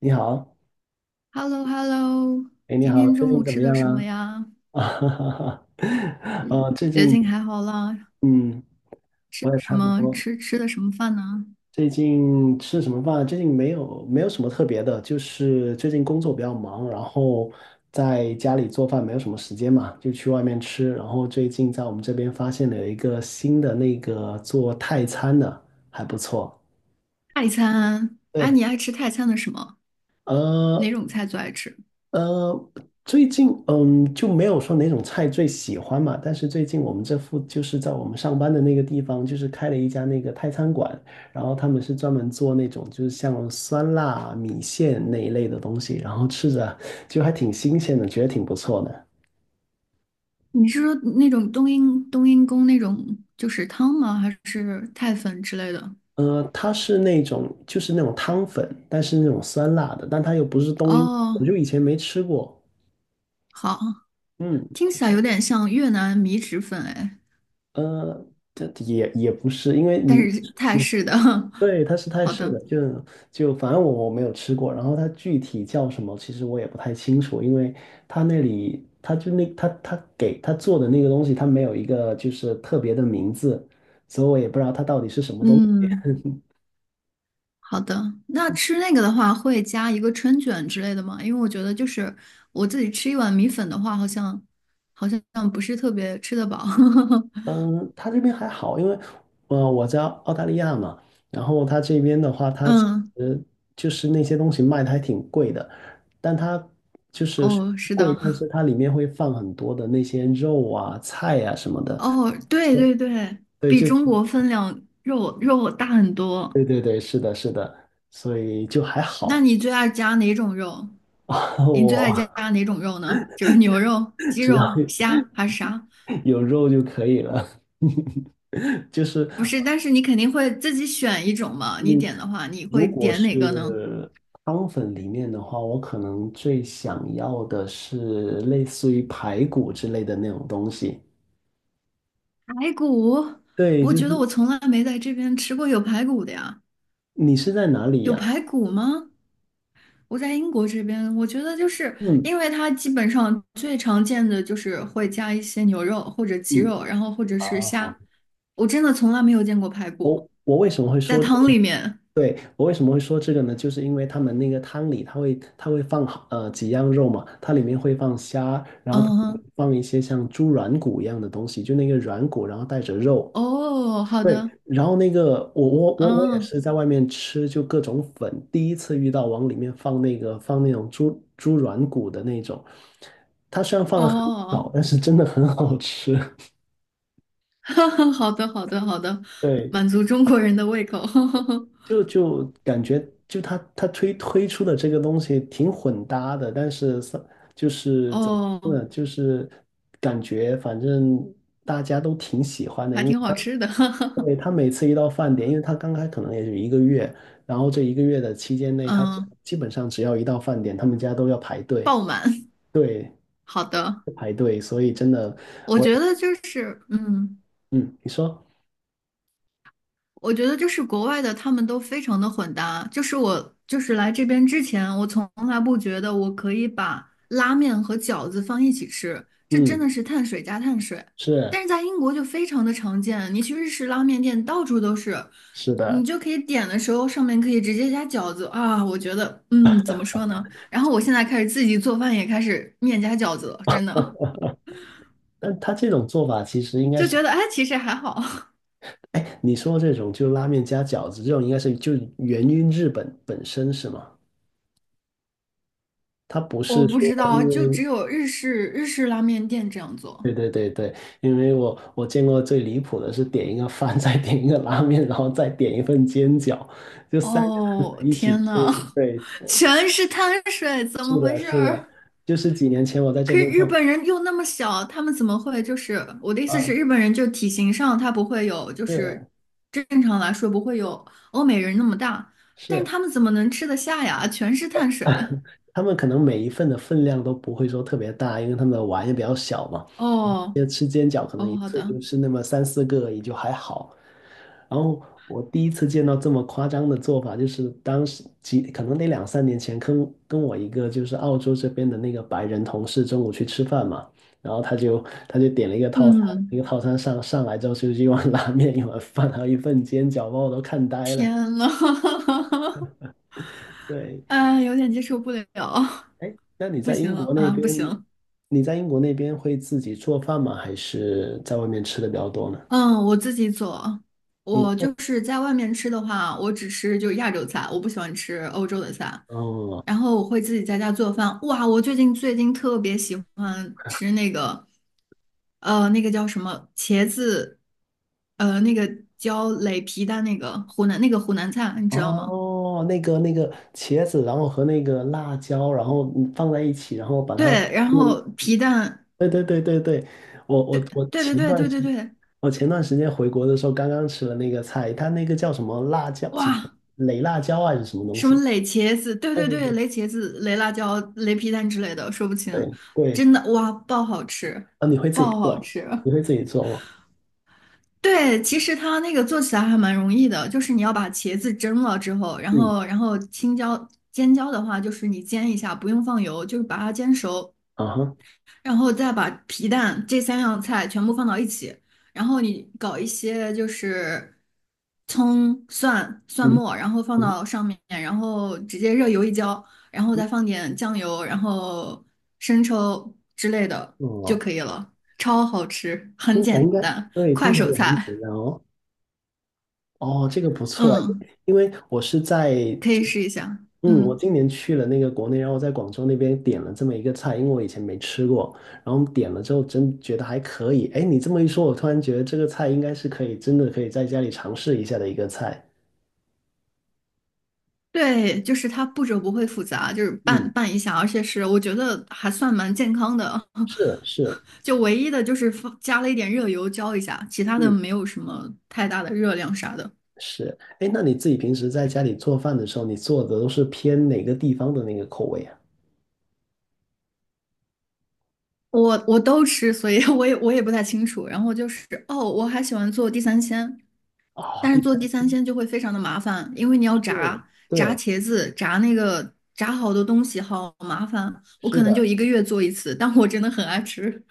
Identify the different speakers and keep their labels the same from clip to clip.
Speaker 1: 你好。
Speaker 2: hello hello
Speaker 1: 哎，你
Speaker 2: 今
Speaker 1: 好，
Speaker 2: 天
Speaker 1: 最
Speaker 2: 中午
Speaker 1: 近怎
Speaker 2: 吃
Speaker 1: 么
Speaker 2: 的
Speaker 1: 样
Speaker 2: 什么
Speaker 1: 啦？
Speaker 2: 呀？
Speaker 1: 啊，哈哈哈，
Speaker 2: 嗯。
Speaker 1: 哦，最
Speaker 2: 最
Speaker 1: 近，
Speaker 2: 近还好啦。
Speaker 1: 嗯，
Speaker 2: 吃
Speaker 1: 我也
Speaker 2: 什
Speaker 1: 差不
Speaker 2: 么？
Speaker 1: 多。
Speaker 2: 吃的什么饭呢？
Speaker 1: 最近吃什么饭啊？最近没有什么特别的，就是最近工作比较忙，然后在家里做饭没有什么时间嘛，就去外面吃。然后最近在我们这边发现了有一个新的那个做泰餐的，还不错。
Speaker 2: 泰餐。啊，
Speaker 1: 对。
Speaker 2: 你爱吃泰餐的什么？哪
Speaker 1: 呃，
Speaker 2: 种菜最爱吃？
Speaker 1: 呃，最近嗯就没有说哪种菜最喜欢嘛，但是最近我们这附就是在我们上班的那个地方，就是开了一家那个泰餐馆，然后他们是专门做那种就是像酸辣米线那一类的东西，然后吃着就还挺新鲜的，觉得挺不错的。
Speaker 2: 你是说那种冬阴功那种就是汤吗？还是泰粉之类的？
Speaker 1: 呃，它是那种就是那种汤粉，但是那种酸辣的，但它又不是冬阴，
Speaker 2: 哦，
Speaker 1: 我就以前没吃过，
Speaker 2: 好，
Speaker 1: 嗯。
Speaker 2: 听
Speaker 1: 挺
Speaker 2: 起来有点像越南米脂粉哎，
Speaker 1: 呃，这也也不是，因为
Speaker 2: 但
Speaker 1: 你
Speaker 2: 是泰式的。
Speaker 1: 对，它是 泰
Speaker 2: 好
Speaker 1: 式
Speaker 2: 的，
Speaker 1: 的，就就反正我没有吃过，然后它具体叫什么，其实我也不太清楚，因为它那里它就那它它给它做的那个东西，它没有一个就是特别的名字，所以我也不知道它到底是什么东西。
Speaker 2: 嗯。好的，那吃那个的话，会加一个春卷之类的吗？因为我觉得就是我自己吃一碗米粉的话，好像不是特别吃得饱。
Speaker 1: 嗯，它这边还好，因为我在澳大利亚嘛，然后它这边的话，它其
Speaker 2: 嗯，
Speaker 1: 实就是那些东西卖的还挺贵的，但它就是虽
Speaker 2: 哦，
Speaker 1: 然
Speaker 2: 是
Speaker 1: 贵，
Speaker 2: 的，
Speaker 1: 但是它里面会放很多的那些肉啊、菜啊什么的。
Speaker 2: 哦，对对对，
Speaker 1: 对，
Speaker 2: 比
Speaker 1: 就
Speaker 2: 中国分量肉大很多。
Speaker 1: 所以就还
Speaker 2: 那
Speaker 1: 好。
Speaker 2: 你最爱加哪种肉？你最 爱加
Speaker 1: 我
Speaker 2: 哪种肉呢？就是牛肉、鸡
Speaker 1: 只要
Speaker 2: 肉、虾还是啥？
Speaker 1: 有肉就可以了。就是
Speaker 2: 不是，但是你肯定会自己选一种嘛。你
Speaker 1: 嗯，
Speaker 2: 点的话，你会
Speaker 1: 如果
Speaker 2: 点哪个呢？
Speaker 1: 是汤粉里面的话，我可能最想要的是类似于排骨之类的那种东西。
Speaker 2: 排骨，
Speaker 1: 对，
Speaker 2: 我
Speaker 1: 就
Speaker 2: 觉得我
Speaker 1: 是
Speaker 2: 从来没在这边吃过有排骨的呀。
Speaker 1: 你是在哪里
Speaker 2: 有
Speaker 1: 呀？
Speaker 2: 排骨吗？我在英国这边，我觉得就是
Speaker 1: 嗯
Speaker 2: 因为它基本上最常见的就是会加一些牛肉或者鸡
Speaker 1: 嗯，
Speaker 2: 肉，然后或者
Speaker 1: 啊，
Speaker 2: 是虾。我真的从来没有见过排骨
Speaker 1: 我为什么会
Speaker 2: 在
Speaker 1: 说这
Speaker 2: 汤
Speaker 1: 个？
Speaker 2: 里面。
Speaker 1: 对，我为什么会说这个呢？就是因为他们那个汤里，它会放好几样肉嘛，它里面会放虾，然后它会
Speaker 2: 嗯，
Speaker 1: 放一些像猪软骨一样的东西，就那个软骨，然后带着肉。
Speaker 2: 哦，好
Speaker 1: 对，
Speaker 2: 的，
Speaker 1: 然后那个我也
Speaker 2: 嗯，
Speaker 1: 是在外面吃，就各种粉，第一次遇到往里面放那种猪软骨的那种，它虽然放的很少，
Speaker 2: 哦，
Speaker 1: 但是真的很好吃。
Speaker 2: 好的，好的，好的，
Speaker 1: 对。
Speaker 2: 满足中国人的胃口。
Speaker 1: 就感觉就他推出的这个东西挺混搭的，但是三就 是怎么说呢，
Speaker 2: 哦，
Speaker 1: 就是感觉反正大家都挺喜欢的，
Speaker 2: 还
Speaker 1: 因为
Speaker 2: 挺好
Speaker 1: 他
Speaker 2: 吃的。
Speaker 1: 对。他每次一到饭点，因为他刚开可能也就一个月，然后这一个月的期间内，他只
Speaker 2: 嗯，
Speaker 1: 基本上只要一到饭点，他们家都要排队
Speaker 2: 爆满。好的，
Speaker 1: 排队，所以真的
Speaker 2: 我
Speaker 1: 我
Speaker 2: 觉得就是，嗯，
Speaker 1: 嗯，你说
Speaker 2: 我觉得就是国外的他们都非常的混搭。就是我就是来这边之前，我从来不觉得我可以把拉面和饺子放一起吃，这真
Speaker 1: 嗯
Speaker 2: 的是碳水加碳水。
Speaker 1: 是
Speaker 2: 但是在英国就非常的常见，你去日式拉面店到处都是，
Speaker 1: 是
Speaker 2: 你
Speaker 1: 的，
Speaker 2: 就可以点的时候上面可以直接加饺子啊。我觉得，嗯，怎么说呢？然后我现在开始自己做饭，也开始面加饺子了，真的
Speaker 1: 但他这种做法其实应 该
Speaker 2: 就
Speaker 1: 是。
Speaker 2: 觉得哎，其实还好。
Speaker 1: 哎，你说这种就拉面加饺子，这种应该是就源于日本本身是吗？它不
Speaker 2: 我
Speaker 1: 是
Speaker 2: 不知
Speaker 1: 说
Speaker 2: 道，
Speaker 1: 因
Speaker 2: 就
Speaker 1: 为，
Speaker 2: 只有日式拉面店这样做。
Speaker 1: 对对对对，因为我见过最离谱的是点一个饭，再点一个拉面，然后再点一份煎饺，就三个汉堡
Speaker 2: 哦，
Speaker 1: 一起
Speaker 2: 天
Speaker 1: 吃。
Speaker 2: 呐，
Speaker 1: 对，
Speaker 2: 全是碳水，怎
Speaker 1: 是
Speaker 2: 么回
Speaker 1: 的，
Speaker 2: 事
Speaker 1: 是的，
Speaker 2: 儿？
Speaker 1: 就是几年前我在这
Speaker 2: 可是
Speaker 1: 边
Speaker 2: 日
Speaker 1: 上，
Speaker 2: 本人又那么小，他们怎么会就是我的意思是，
Speaker 1: 啊，
Speaker 2: 日本人就体型上他不会有，就
Speaker 1: 是
Speaker 2: 是正常来说不会有欧美人那么大，但是
Speaker 1: 是。
Speaker 2: 他们怎么能吃得下呀？全是碳水。
Speaker 1: 他们可能每一份的分量都不会说特别大，因为他们的碗也比较小嘛。
Speaker 2: 哦
Speaker 1: 就吃煎饺，可能
Speaker 2: 哦，
Speaker 1: 一
Speaker 2: 好
Speaker 1: 次
Speaker 2: 的，
Speaker 1: 就吃那么三四个也就还好。然后我第一次见到这么夸张的做法，就是当时几可能得两三年前，跟我一个就是澳洲这边的那个白人同事中午去吃饭嘛，然后他就点了一个套餐，
Speaker 2: 嗯，
Speaker 1: 那个套餐上上来之后就是一碗拉面、一碗饭，还有一份煎饺，把我都看呆了。
Speaker 2: 天呐，
Speaker 1: 对。
Speaker 2: 哎，有点接受不了，
Speaker 1: 哎，那你
Speaker 2: 不
Speaker 1: 在英
Speaker 2: 行
Speaker 1: 国那
Speaker 2: 啊，
Speaker 1: 边，
Speaker 2: 不行。
Speaker 1: 你在英国那边会自己做饭吗？还是在外面吃的比较多呢？
Speaker 2: 嗯，我自己做。
Speaker 1: 你
Speaker 2: 我
Speaker 1: 做
Speaker 2: 就是在外面吃的话，我只吃就亚洲菜，我不喜欢吃欧洲的菜。
Speaker 1: 哦，
Speaker 2: 然后我会自己在家做饭。哇，我最近特别喜欢吃那个，那个叫什么茄子，那个叫擂皮蛋，那个湖南菜，你知道吗？
Speaker 1: 哦，那个那个茄子，然后和那个辣椒，然后嗯放在一起，然后把它
Speaker 2: 对，然
Speaker 1: 用。
Speaker 2: 后皮蛋，
Speaker 1: 对对对对对，我我
Speaker 2: 对
Speaker 1: 我
Speaker 2: 对对
Speaker 1: 前段
Speaker 2: 对
Speaker 1: 时
Speaker 2: 对对对，
Speaker 1: 我前段时间回国的时候，刚刚吃了那个菜，它那个叫什么辣椒，什么
Speaker 2: 哇！
Speaker 1: 雷辣椒啊还是什么东
Speaker 2: 什么
Speaker 1: 西？
Speaker 2: 垒茄子，对
Speaker 1: 对
Speaker 2: 对对，垒茄子、垒辣椒、垒皮蛋之类的，说不清。
Speaker 1: 对对。
Speaker 2: 真的，哇，爆好吃，
Speaker 1: 啊，你会自己
Speaker 2: 爆好
Speaker 1: 做？
Speaker 2: 吃。
Speaker 1: 你会自己做吗？
Speaker 2: 对，其实它那个做起来还蛮容易的，就是你要把茄子蒸了之后，然
Speaker 1: 嗯，
Speaker 2: 后然后青椒、尖椒的话，就是你煎一下，不用放油，就是把它煎熟，
Speaker 1: 啊哈，
Speaker 2: 然后再把皮蛋这三样菜全部放到一起，然后你搞一些就是葱、蒜、蒜
Speaker 1: 嗯
Speaker 2: 末，然后放
Speaker 1: 嗯
Speaker 2: 到上面，然后直接热油一浇，然后再放点酱油，然后生抽之类的就
Speaker 1: 哦，
Speaker 2: 可以了，超好吃，很
Speaker 1: 听起来
Speaker 2: 简
Speaker 1: 应该
Speaker 2: 单，
Speaker 1: 对，听
Speaker 2: 快
Speaker 1: 起来
Speaker 2: 手
Speaker 1: 也很
Speaker 2: 菜，
Speaker 1: 简单哦。哦，这个不错哎，
Speaker 2: 嗯，
Speaker 1: 因为我是在
Speaker 2: 可以
Speaker 1: 就
Speaker 2: 试一下，
Speaker 1: 嗯，我
Speaker 2: 嗯。
Speaker 1: 今年去了那个国内，然后在广州那边点了这么一个菜，因为我以前没吃过，然后点了之后真觉得还可以。哎，你这么一说，我突然觉得这个菜应该是可以，真的可以在家里尝试一下的一个菜。
Speaker 2: 对，就是它步骤不会复杂，就是
Speaker 1: 嗯，
Speaker 2: 拌拌一下，而且是我觉得还算蛮健康的。
Speaker 1: 是是，
Speaker 2: 就唯一的就是放加了一点热油浇一下，其他的
Speaker 1: 嗯
Speaker 2: 没有什么太大的热量啥的。
Speaker 1: 是。哎，那你自己平时在家里做饭的时候，你做的都是偏哪个地方的那个口味啊？
Speaker 2: 我都吃，所以 我也不太清楚。然后就是哦，我还喜欢做地三鲜，
Speaker 1: 哦，
Speaker 2: 但
Speaker 1: 的
Speaker 2: 是
Speaker 1: 确
Speaker 2: 做地三鲜就会非常的麻烦，因为你要
Speaker 1: 是。
Speaker 2: 炸炸
Speaker 1: 对，
Speaker 2: 茄子，炸那个炸好多东西，好麻烦。我
Speaker 1: 是
Speaker 2: 可能就
Speaker 1: 的。
Speaker 2: 一个月做一次，但我真的很爱吃，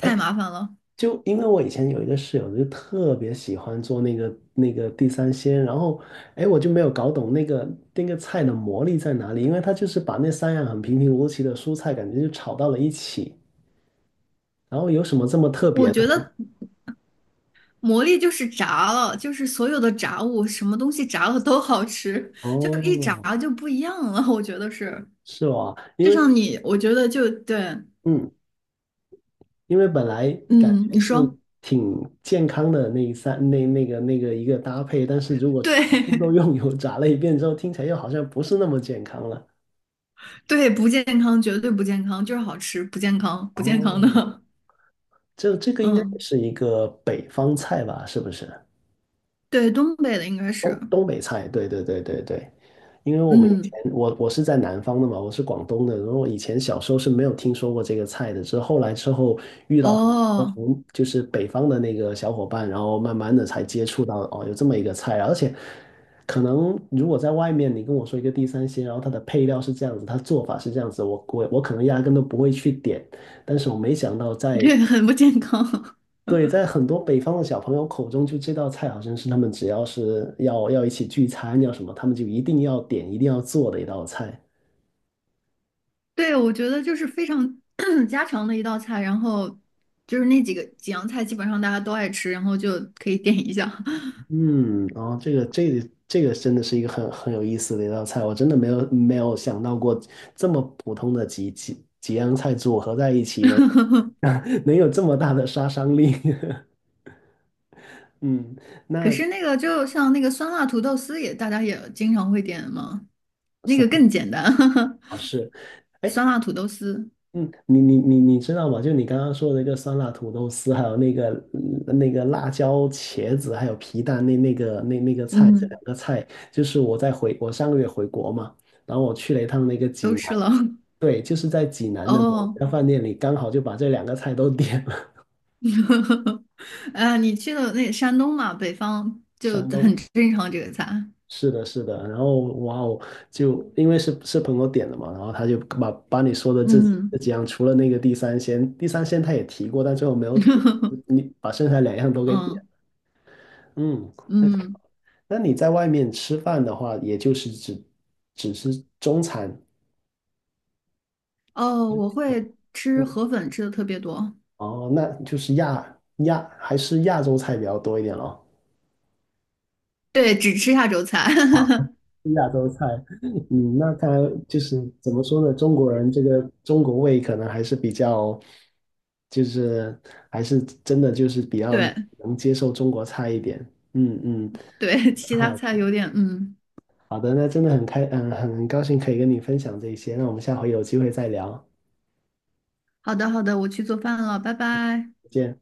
Speaker 1: 哎
Speaker 2: 麻烦了。
Speaker 1: 就因为我以前有一个室友，就特别喜欢做那个地三鲜，然后，哎，我就没有搞懂那个菜的魔力在哪里，因为他就是把那三样很平平无奇的蔬菜，感觉就炒到了一起，然后有什么这么特
Speaker 2: 我
Speaker 1: 别的
Speaker 2: 觉
Speaker 1: 吗？
Speaker 2: 得魔力就是炸了，就是所有的炸物，什么东西炸了都好吃，就一炸
Speaker 1: 哦，
Speaker 2: 就不一样了。我觉得是，
Speaker 1: 是哦，因
Speaker 2: 就
Speaker 1: 为
Speaker 2: 像你，我觉得就对，
Speaker 1: 嗯，因为本来感
Speaker 2: 嗯，
Speaker 1: 觉
Speaker 2: 你
Speaker 1: 是
Speaker 2: 说
Speaker 1: 挺健康的那一三那个一个搭配，但是如果全部都
Speaker 2: 对，
Speaker 1: 用油炸了一遍之后，听起来又好像不是那么健康了。
Speaker 2: 对，不健康，绝对不健康，就是好吃，不健康，不健康
Speaker 1: 哦，
Speaker 2: 的，
Speaker 1: 这个 应该也
Speaker 2: 嗯，
Speaker 1: 是一个北方菜吧？是不是？
Speaker 2: 对，东北的应该是，
Speaker 1: 东东北菜，对对对对对。因为我们以
Speaker 2: 嗯，
Speaker 1: 前我是在南方的嘛，我是广东的，然后以前小时候是没有听说过这个菜的，是后来之后，我
Speaker 2: 哦，
Speaker 1: 从就是北方的那个小伙伴，然后慢慢的才接触到哦，有这么一个菜啊，而且可能如果在外面你跟我说一个地三鲜，然后它的配料是这样子，它做法是这样子，我可能压根都不会去点，但是我没想到在
Speaker 2: 对，很不健康，
Speaker 1: 对，在很多北方的小朋友口中，就这道菜好像是他们只要是要一起聚餐要什么，他们就一定要点、一定要做的一道菜。
Speaker 2: 对，我觉得就是非常 家常的一道菜，然后就是那几个几样菜，基本上大家都爱吃，然后就可以点一下。
Speaker 1: 嗯，然后这个真的是一个很有意思的一道菜，我真的没有想到过这么普通的几样菜组合在一起能能有这么大的杀伤力。嗯，
Speaker 2: 可
Speaker 1: 那。
Speaker 2: 是那个就像那个酸辣土豆丝也，大家也经常会点嘛，那个更简单，
Speaker 1: 是，
Speaker 2: 酸
Speaker 1: 哎
Speaker 2: 辣土豆丝，
Speaker 1: 嗯，你知道吗？就你刚刚说的那个酸辣土豆丝，还有那个嗯那个辣椒茄子，还有皮蛋那个菜，这
Speaker 2: 嗯，
Speaker 1: 两个菜就是我在回我上个月回国嘛，然后我去了一趟那个济
Speaker 2: 都
Speaker 1: 南。
Speaker 2: 吃了。
Speaker 1: 对，就是在济南的某
Speaker 2: 哦，
Speaker 1: 家饭店里，刚好就把这两个菜都 点了。
Speaker 2: 呃，你去了那山东嘛，北方 就
Speaker 1: 山
Speaker 2: 很
Speaker 1: 东，
Speaker 2: 正常这个菜，
Speaker 1: 是的，是的。然后哇哦，就因为是是朋友点的嘛，然后他就把把你说的这几这
Speaker 2: 嗯，
Speaker 1: 几样，除了那个地三鲜，地三鲜他也提过，但最后没有点。你把剩下两样都给点
Speaker 2: 嗯
Speaker 1: 嗯。那
Speaker 2: 嗯，
Speaker 1: 那你在外面吃饭的话，也就是只只是中餐，
Speaker 2: 哦，我会吃
Speaker 1: 嗯
Speaker 2: 河粉，吃的特别多，
Speaker 1: 哦，那就是亚亚还是亚洲菜比较多一点咯。
Speaker 2: 对，只吃亚洲菜，
Speaker 1: 亚洲菜，嗯，那它就是怎么说呢？中国人这个中国胃可能还是比较，就是还是真的就是比 较
Speaker 2: 对
Speaker 1: 能接受中国菜一点。嗯嗯
Speaker 2: 对，其他
Speaker 1: 好
Speaker 2: 菜有点，嗯，
Speaker 1: 好的，那真的很开，嗯，很高兴可以跟你分享这些。那我们下回有机会再聊，
Speaker 2: 好的好的，我去做饭了，拜拜。
Speaker 1: 再见。